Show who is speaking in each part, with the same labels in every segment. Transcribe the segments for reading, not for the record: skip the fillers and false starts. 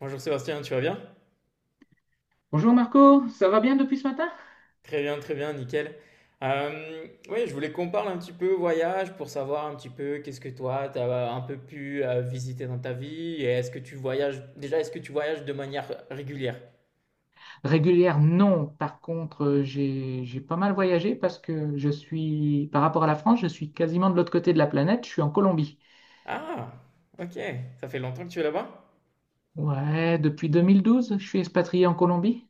Speaker 1: Bonjour Sébastien, tu vas bien?
Speaker 2: Bonjour Marco, ça va bien depuis ce matin?
Speaker 1: Très bien, très bien, nickel. Oui, je voulais qu'on parle un petit peu voyage pour savoir un petit peu qu'est-ce que toi, tu as un peu pu visiter dans ta vie et est-ce que tu voyages, déjà, est-ce que tu voyages de manière régulière?
Speaker 2: Régulière, non. Par contre, j'ai pas mal voyagé parce que je suis, par rapport à la France, je suis quasiment de l'autre côté de la planète, je suis en Colombie.
Speaker 1: Ah, ok, ça fait longtemps que tu es là-bas?
Speaker 2: Ouais, depuis 2012, je suis expatrié en Colombie.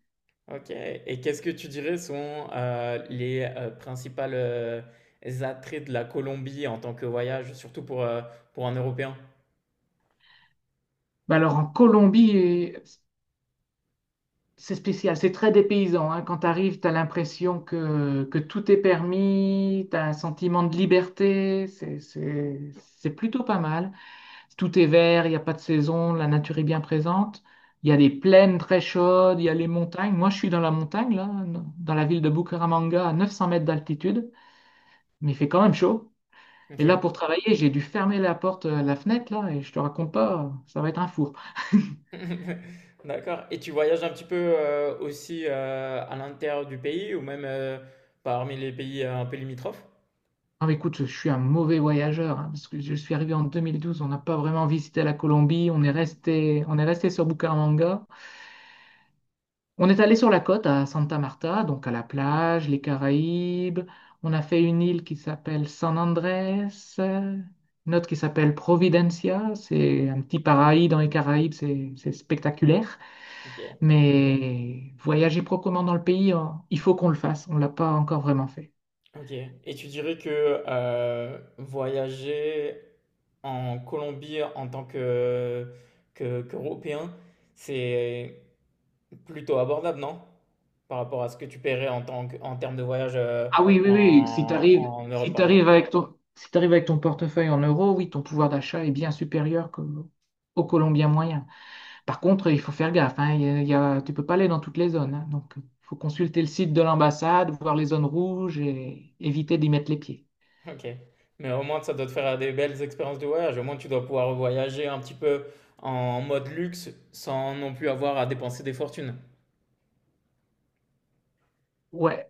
Speaker 1: Ok, et qu'est-ce que tu dirais sont les principales attraits de la Colombie en tant que voyage, surtout pour un Européen?
Speaker 2: Bah alors, en Colombie, c'est spécial, c'est très dépaysant, hein. Quand tu arrives, tu as l'impression que tout est permis, tu as un sentiment de liberté, c'est plutôt pas mal. Tout est vert, il n'y a pas de saison, la nature est bien présente. Il y a des plaines très chaudes, il y a les montagnes. Moi, je suis dans la montagne, là, dans la ville de Bucaramanga, à 900 mètres d'altitude, mais il fait quand même chaud. Et là, pour
Speaker 1: Ok.
Speaker 2: travailler, j'ai dû fermer la porte, la fenêtre, là, et je te raconte pas, ça va être un four.
Speaker 1: D'accord. Et tu voyages un petit peu aussi à l'intérieur du pays ou même parmi les pays un peu limitrophes?
Speaker 2: Non, mais écoute, je suis un mauvais voyageur, hein, parce que je suis arrivé en 2012, on n'a pas vraiment visité la Colombie, on est resté sur Bucaramanga. On est allé sur la côte à Santa Marta, donc à la plage, les Caraïbes. On a fait une île qui s'appelle San Andrés, euh, une autre qui s'appelle Providencia. C'est un petit paradis dans les Caraïbes, c'est spectaculaire.
Speaker 1: Ok.
Speaker 2: Mais voyager proprement dans le pays, hein, il faut qu'on le fasse. On l'a pas encore vraiment fait.
Speaker 1: Ok. Et tu dirais que voyager en Colombie en tant qu'Européen, c'est plutôt abordable, non? Par rapport à ce que tu paierais en tant que, en termes de voyage
Speaker 2: Ah oui, oui, oui. Si tu
Speaker 1: en,
Speaker 2: arrives,
Speaker 1: en Europe, par exemple.
Speaker 2: si t'arrives avec ton portefeuille en euros, oui, ton pouvoir d'achat est bien supérieur qu'au au Colombien moyen. Par contre, il faut faire gaffe, hein, tu peux pas aller dans toutes les zones, hein. Donc, il faut consulter le site de l'ambassade, voir les zones rouges et éviter d'y mettre les pieds.
Speaker 1: OK. Mais au moins, ça doit te faire des belles expériences de voyage. Au moins, tu dois pouvoir voyager un petit peu en mode luxe sans non plus avoir à dépenser des fortunes.
Speaker 2: Ouais,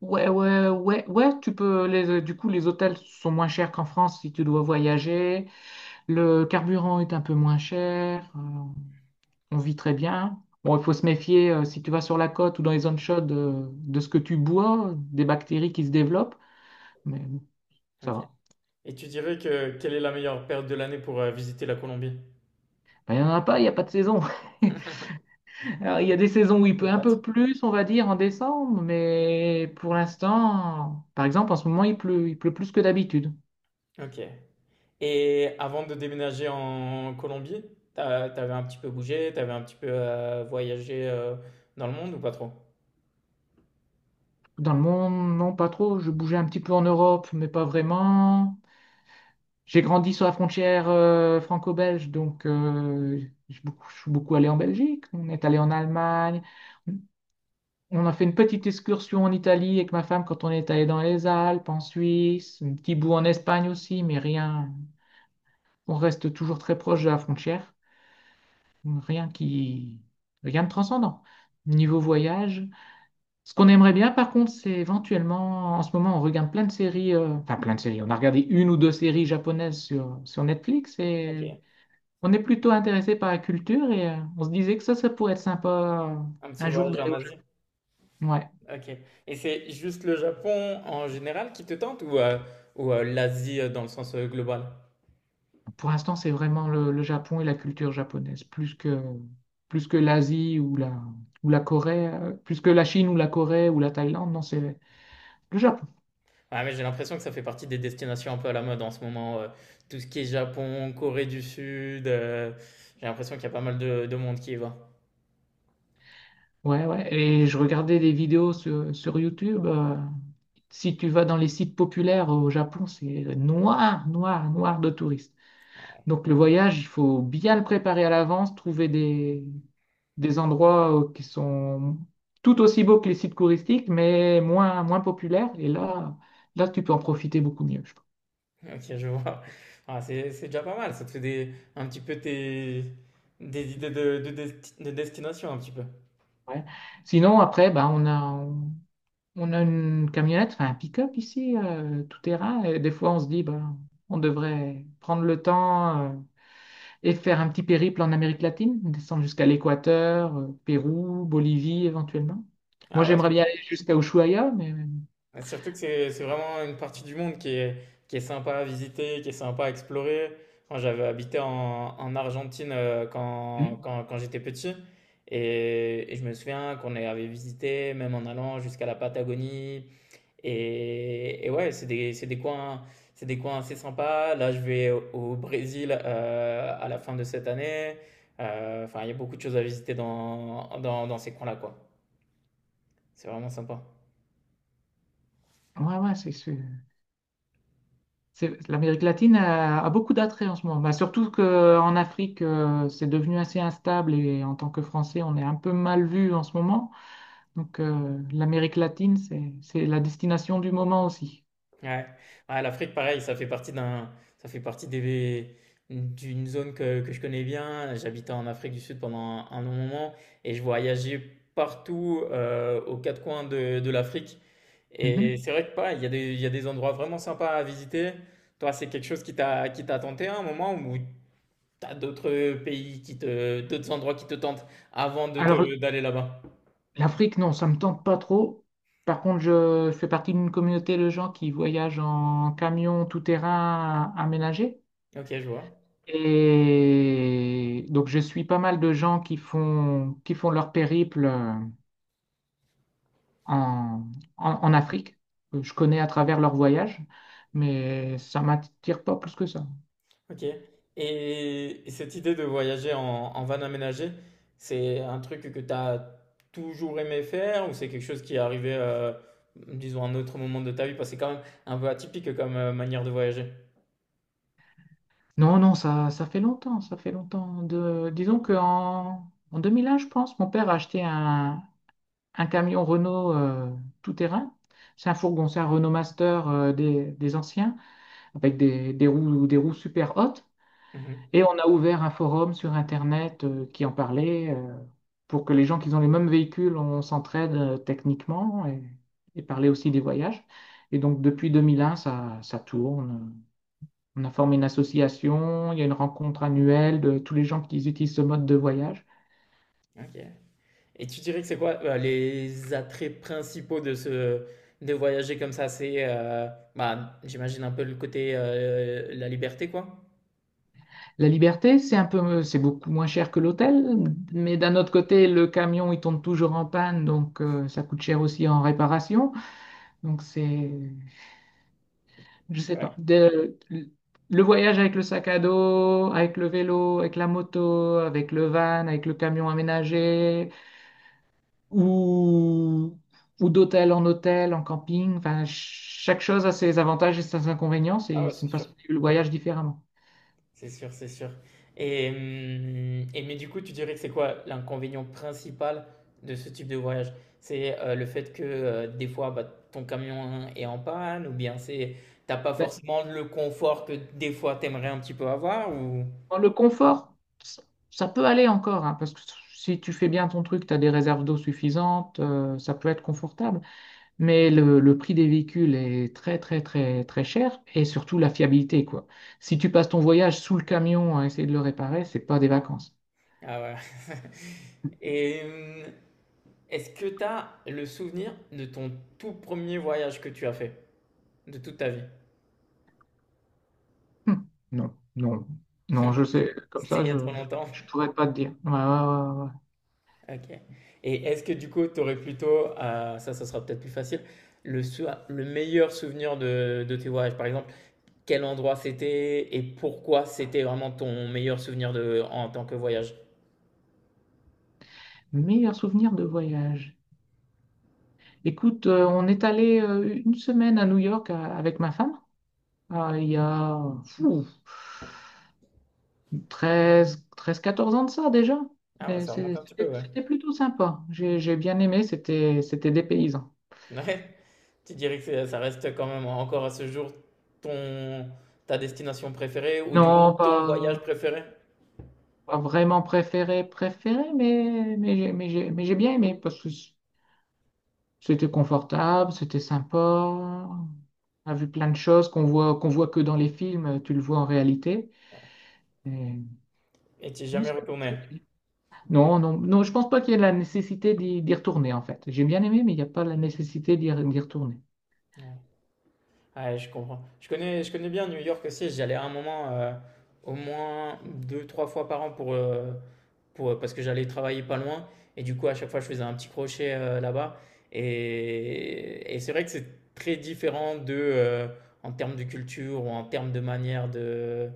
Speaker 2: ouais, ouais, ouais, ouais, tu peux. Du coup, les hôtels sont moins chers qu'en France si tu dois voyager. Le carburant est un peu moins cher. On vit très bien. Bon, il faut se méfier si tu vas sur la côte ou dans les zones chaudes, de ce que tu bois, des bactéries qui se développent. Mais bon, ça
Speaker 1: OK.
Speaker 2: va.
Speaker 1: Et tu dirais que quelle est la meilleure période de l'année pour visiter la Colombie?
Speaker 2: Ben, il n'y en a pas, il n'y a pas de saison. Alors, il y a des saisons où il pleut
Speaker 1: C'est
Speaker 2: un peu
Speaker 1: pratique.
Speaker 2: plus, on va dire, en décembre, mais pour l'instant, par exemple, en ce moment, il pleut plus que d'habitude.
Speaker 1: OK. Et avant de déménager en Colombie, t'avais un petit peu bougé, t'avais un petit peu voyagé dans le monde ou pas trop?
Speaker 2: Dans le monde, non, pas trop. Je bougeais un petit peu en Europe, mais pas vraiment. J'ai grandi sur la frontière franco-belge, donc, je suis beaucoup allé en Belgique. On est allé en Allemagne. On a fait une petite excursion en Italie avec ma femme quand on est allé dans les Alpes, en Suisse, un petit bout en Espagne aussi, mais rien. On reste toujours très proche de la frontière. Rien qui, Rien de transcendant. Niveau voyage, ce qu'on aimerait bien, par contre, c'est éventuellement, en ce moment, on regarde plein de séries, enfin plein de séries. On a regardé une ou deux séries japonaises sur Netflix et
Speaker 1: OK.
Speaker 2: on est plutôt intéressé par la culture et, on se disait que ça pourrait être sympa,
Speaker 1: Un petit
Speaker 2: un jour
Speaker 1: voyage en
Speaker 2: d'aller au Japon.
Speaker 1: Asie?
Speaker 2: Ouais.
Speaker 1: Ok. Et c'est juste le Japon en général qui te tente ou l'Asie dans le sens global?
Speaker 2: Pour l'instant, c'est vraiment le Japon et la culture japonaise, plus que l'Asie ou la Corée, plus que la Chine ou la Corée ou la Thaïlande. Non, c'est le Japon.
Speaker 1: Ouais, mais j'ai l'impression que ça fait partie des destinations un peu à la mode en ce moment. Tout ce qui est Japon, Corée du Sud, j'ai l'impression qu'il y a pas mal de monde qui y va.
Speaker 2: Ouais, ouais. Et je regardais des vidéos sur YouTube. Si tu vas dans les sites populaires au Japon, c'est noir, noir, noir de touristes. Donc le voyage, il faut bien le préparer à l'avance, trouver des endroits qui sont tout aussi beaux que les sites touristiques, mais moins, moins populaires. Et là, tu peux en profiter beaucoup mieux, je pense.
Speaker 1: Ok, je vois. Ah, c'est déjà pas mal. Ça te fait des, un petit peu tes, des idées de destination un petit peu.
Speaker 2: Ouais. Sinon, après, ben, on a une camionnette, enfin un pick-up ici, tout terrain. Et des fois, on se dit, ben, on devrait prendre le temps, et faire un petit périple en Amérique latine, descendre jusqu'à l'Équateur, Pérou, Bolivie éventuellement. Moi,
Speaker 1: Ah ouais,
Speaker 2: j'aimerais bien aller jusqu'à Ushuaïa, mais.
Speaker 1: et surtout que c'est vraiment une partie du monde qui est, sympa à visiter, qui est sympa à explorer. Enfin, j'avais habité en Argentine quand,
Speaker 2: Hmm.
Speaker 1: quand, quand j'étais petit. Et je me souviens qu'on avait visité, même en allant jusqu'à la Patagonie. Et ouais, c'est des coins assez sympas. Là, je vais au Brésil à la fin de cette année. Enfin, il y a beaucoup de choses à visiter dans ces coins-là, quoi. C'est vraiment sympa.
Speaker 2: Ouais, ouais, l'Amérique latine a beaucoup d'attraits en ce moment. Bah, surtout qu'en Afrique, c'est devenu assez instable et en tant que Français, on est un peu mal vu en ce moment. Donc, l'Amérique latine, c'est la destination du moment aussi.
Speaker 1: Ouais. Ouais, l'Afrique, pareil, ça fait partie d'un, ça fait partie des, d'une zone que je connais bien. J'habitais en Afrique du Sud pendant un long moment et je voyageais partout aux quatre coins de l'Afrique. Et
Speaker 2: Mhm.
Speaker 1: c'est vrai que pareil, il y a des endroits vraiment sympas à visiter. Toi, c'est quelque chose qui t'a tenté à un moment ou t'as d'autres pays d'autres endroits qui te tentent avant
Speaker 2: Alors,
Speaker 1: d'aller là-bas?
Speaker 2: l'Afrique, non, ça me tente pas trop. Par contre, je fais partie d'une communauté de gens qui voyagent en camion tout-terrain aménagé.
Speaker 1: Ok, je vois.
Speaker 2: Et donc, je suis pas mal de gens qui font leur périple, en, en Afrique. Que je connais à travers leur voyage, mais ça m'attire pas plus que ça.
Speaker 1: Ok. Et cette idée de voyager en van aménagé, c'est un truc que tu as toujours aimé faire ou c'est quelque chose qui est arrivé, disons, à un autre moment de ta vie? Parce que c'est quand même un peu atypique comme manière de voyager.
Speaker 2: Non, non, ça fait longtemps, ça fait longtemps. Disons qu'en 2001, je pense, mon père a acheté un camion Renault, tout-terrain. C'est un fourgon, c'est un Renault Master, des anciens, avec des roues, des roues, super hautes.
Speaker 1: Mhm.
Speaker 2: Et on a ouvert un forum sur Internet qui en parlait, pour que les gens qui ont les mêmes véhicules, on s'entraide techniquement, et parler aussi des voyages. Et donc depuis 2001, ça, ça tourne. On a formé une association, il y a une rencontre annuelle de tous les gens qui utilisent ce mode de voyage.
Speaker 1: Ok. Et tu dirais que c'est quoi les attraits principaux de ce de voyager comme ça? Bah, j'imagine un peu le côté la liberté, quoi.
Speaker 2: La liberté, c'est un peu, c'est beaucoup moins cher que l'hôtel, mais d'un autre côté, le camion, il tombe toujours en panne, donc, ça coûte cher aussi en réparation. Donc c'est, je sais pas.
Speaker 1: Ouais.
Speaker 2: Le voyage avec le sac à dos, avec le vélo, avec la moto, avec le van, avec le camion aménagé, ou, ou d'hôtel en hôtel, en camping, enfin, chaque chose a ses avantages et ses inconvénients,
Speaker 1: Ah
Speaker 2: c'est
Speaker 1: ouais,
Speaker 2: c'est
Speaker 1: c'est
Speaker 2: une
Speaker 1: sûr.
Speaker 2: façon de vivre le voyage différemment.
Speaker 1: C'est sûr, c'est sûr. Et mais du coup, tu dirais que c'est quoi l'inconvénient principal de ce type de voyage? C'est le fait que des fois, bah, ton camion est en panne, ou bien c'est t'as pas
Speaker 2: Ben,
Speaker 1: forcément le confort que des fois t'aimerais un petit peu avoir, ou
Speaker 2: dans le confort, ça, ça peut aller encore, hein, parce que si tu fais bien ton truc, tu as des réserves d'eau suffisantes, ça peut être confortable. Mais le prix des véhicules est très, très, très, très cher et surtout la fiabilité, quoi. Si tu passes ton voyage sous le camion à essayer de le réparer, c'est pas des vacances.
Speaker 1: ah ouais. Et est-ce que t'as le souvenir de ton tout premier voyage que tu as fait de toute ta vie?
Speaker 2: Hmm. Non, non, non, je sais, comme
Speaker 1: C'était
Speaker 2: ça,
Speaker 1: il y a
Speaker 2: je,
Speaker 1: trop
Speaker 2: je,
Speaker 1: longtemps.
Speaker 2: je pourrais pas te dire. Ouais, ouais, ouais, ouais.
Speaker 1: Ok. Et est-ce que du coup, tu aurais plutôt, ça sera peut-être plus facile, le meilleur souvenir de tes voyages? Par exemple, quel endroit c'était et pourquoi c'était vraiment ton meilleur souvenir en tant que voyage?
Speaker 2: Meilleur souvenir de voyage. Écoute, on est allé, une semaine à New York, avec ma femme. Ah, il y a fou, 13 13, 14 ans de ça déjà.
Speaker 1: Ah ouais,
Speaker 2: Et
Speaker 1: ça remonte
Speaker 2: c'est-
Speaker 1: un petit peu,
Speaker 2: C'était
Speaker 1: ouais.
Speaker 2: c'était plutôt sympa. J'ai bien aimé, c'était des paysans.
Speaker 1: Ouais. Tu dirais que ça reste quand même encore à ce jour ton, ta destination préférée ou du
Speaker 2: Non,
Speaker 1: moins ton
Speaker 2: pas,
Speaker 1: voyage préféré
Speaker 2: pas vraiment préféré, préféré, mais, j'ai bien aimé parce que c'était confortable, c'était sympa. On a vu plein de choses qu'on voit que dans les films, tu le vois en réalité. Et,
Speaker 1: et tu es
Speaker 2: non,
Speaker 1: jamais retourné.
Speaker 2: c'était bien. Non, non, non, je pense pas qu'il y ait la nécessité d'y retourner en fait. J'ai bien aimé, mais il n'y a pas la nécessité d'y retourner.
Speaker 1: Ouais. Ah ouais, je comprends. Je connais bien New York aussi. J'allais à un moment au moins deux, trois fois par an parce que j'allais travailler pas loin. Et du coup, à chaque fois, je faisais un petit crochet là-bas. Et c'est vrai que c'est très différent en termes de culture ou en termes de manière de,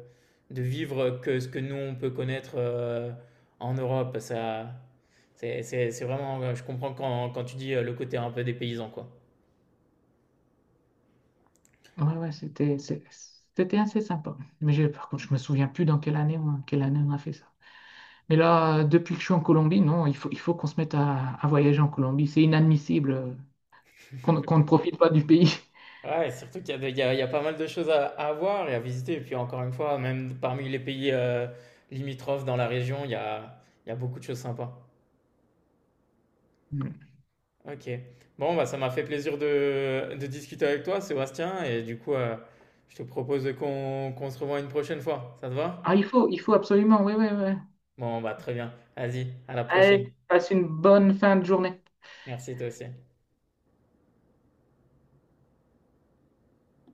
Speaker 1: de vivre que ce que nous, on peut connaître en Europe. Ça, c'est vraiment, je comprends quand tu dis le côté un peu des paysans, quoi.
Speaker 2: Ouais, ouais, c'était assez sympa. Mais par contre, je me souviens plus dans quelle année, quelle année on a fait ça. Mais là, depuis que je suis en Colombie, non, il faut qu'on se mette à voyager en Colombie. C'est inadmissible, qu'on ne profite pas du pays.
Speaker 1: Ouais, surtout qu'il y a pas mal de choses à voir et à visiter. Et puis encore une fois, même parmi les pays limitrophes dans la région, il y a beaucoup de choses sympas. Ok. Bon, bah, ça m'a fait plaisir de discuter avec toi, Sébastien. Et du coup, je te propose qu'on se revoie une prochaine fois. Ça te va?
Speaker 2: Ah, il faut absolument, oui, oui, oui.
Speaker 1: Bon, bah, très bien. Vas-y, à la prochaine.
Speaker 2: Allez, passe une bonne fin de journée.
Speaker 1: Merci, toi aussi.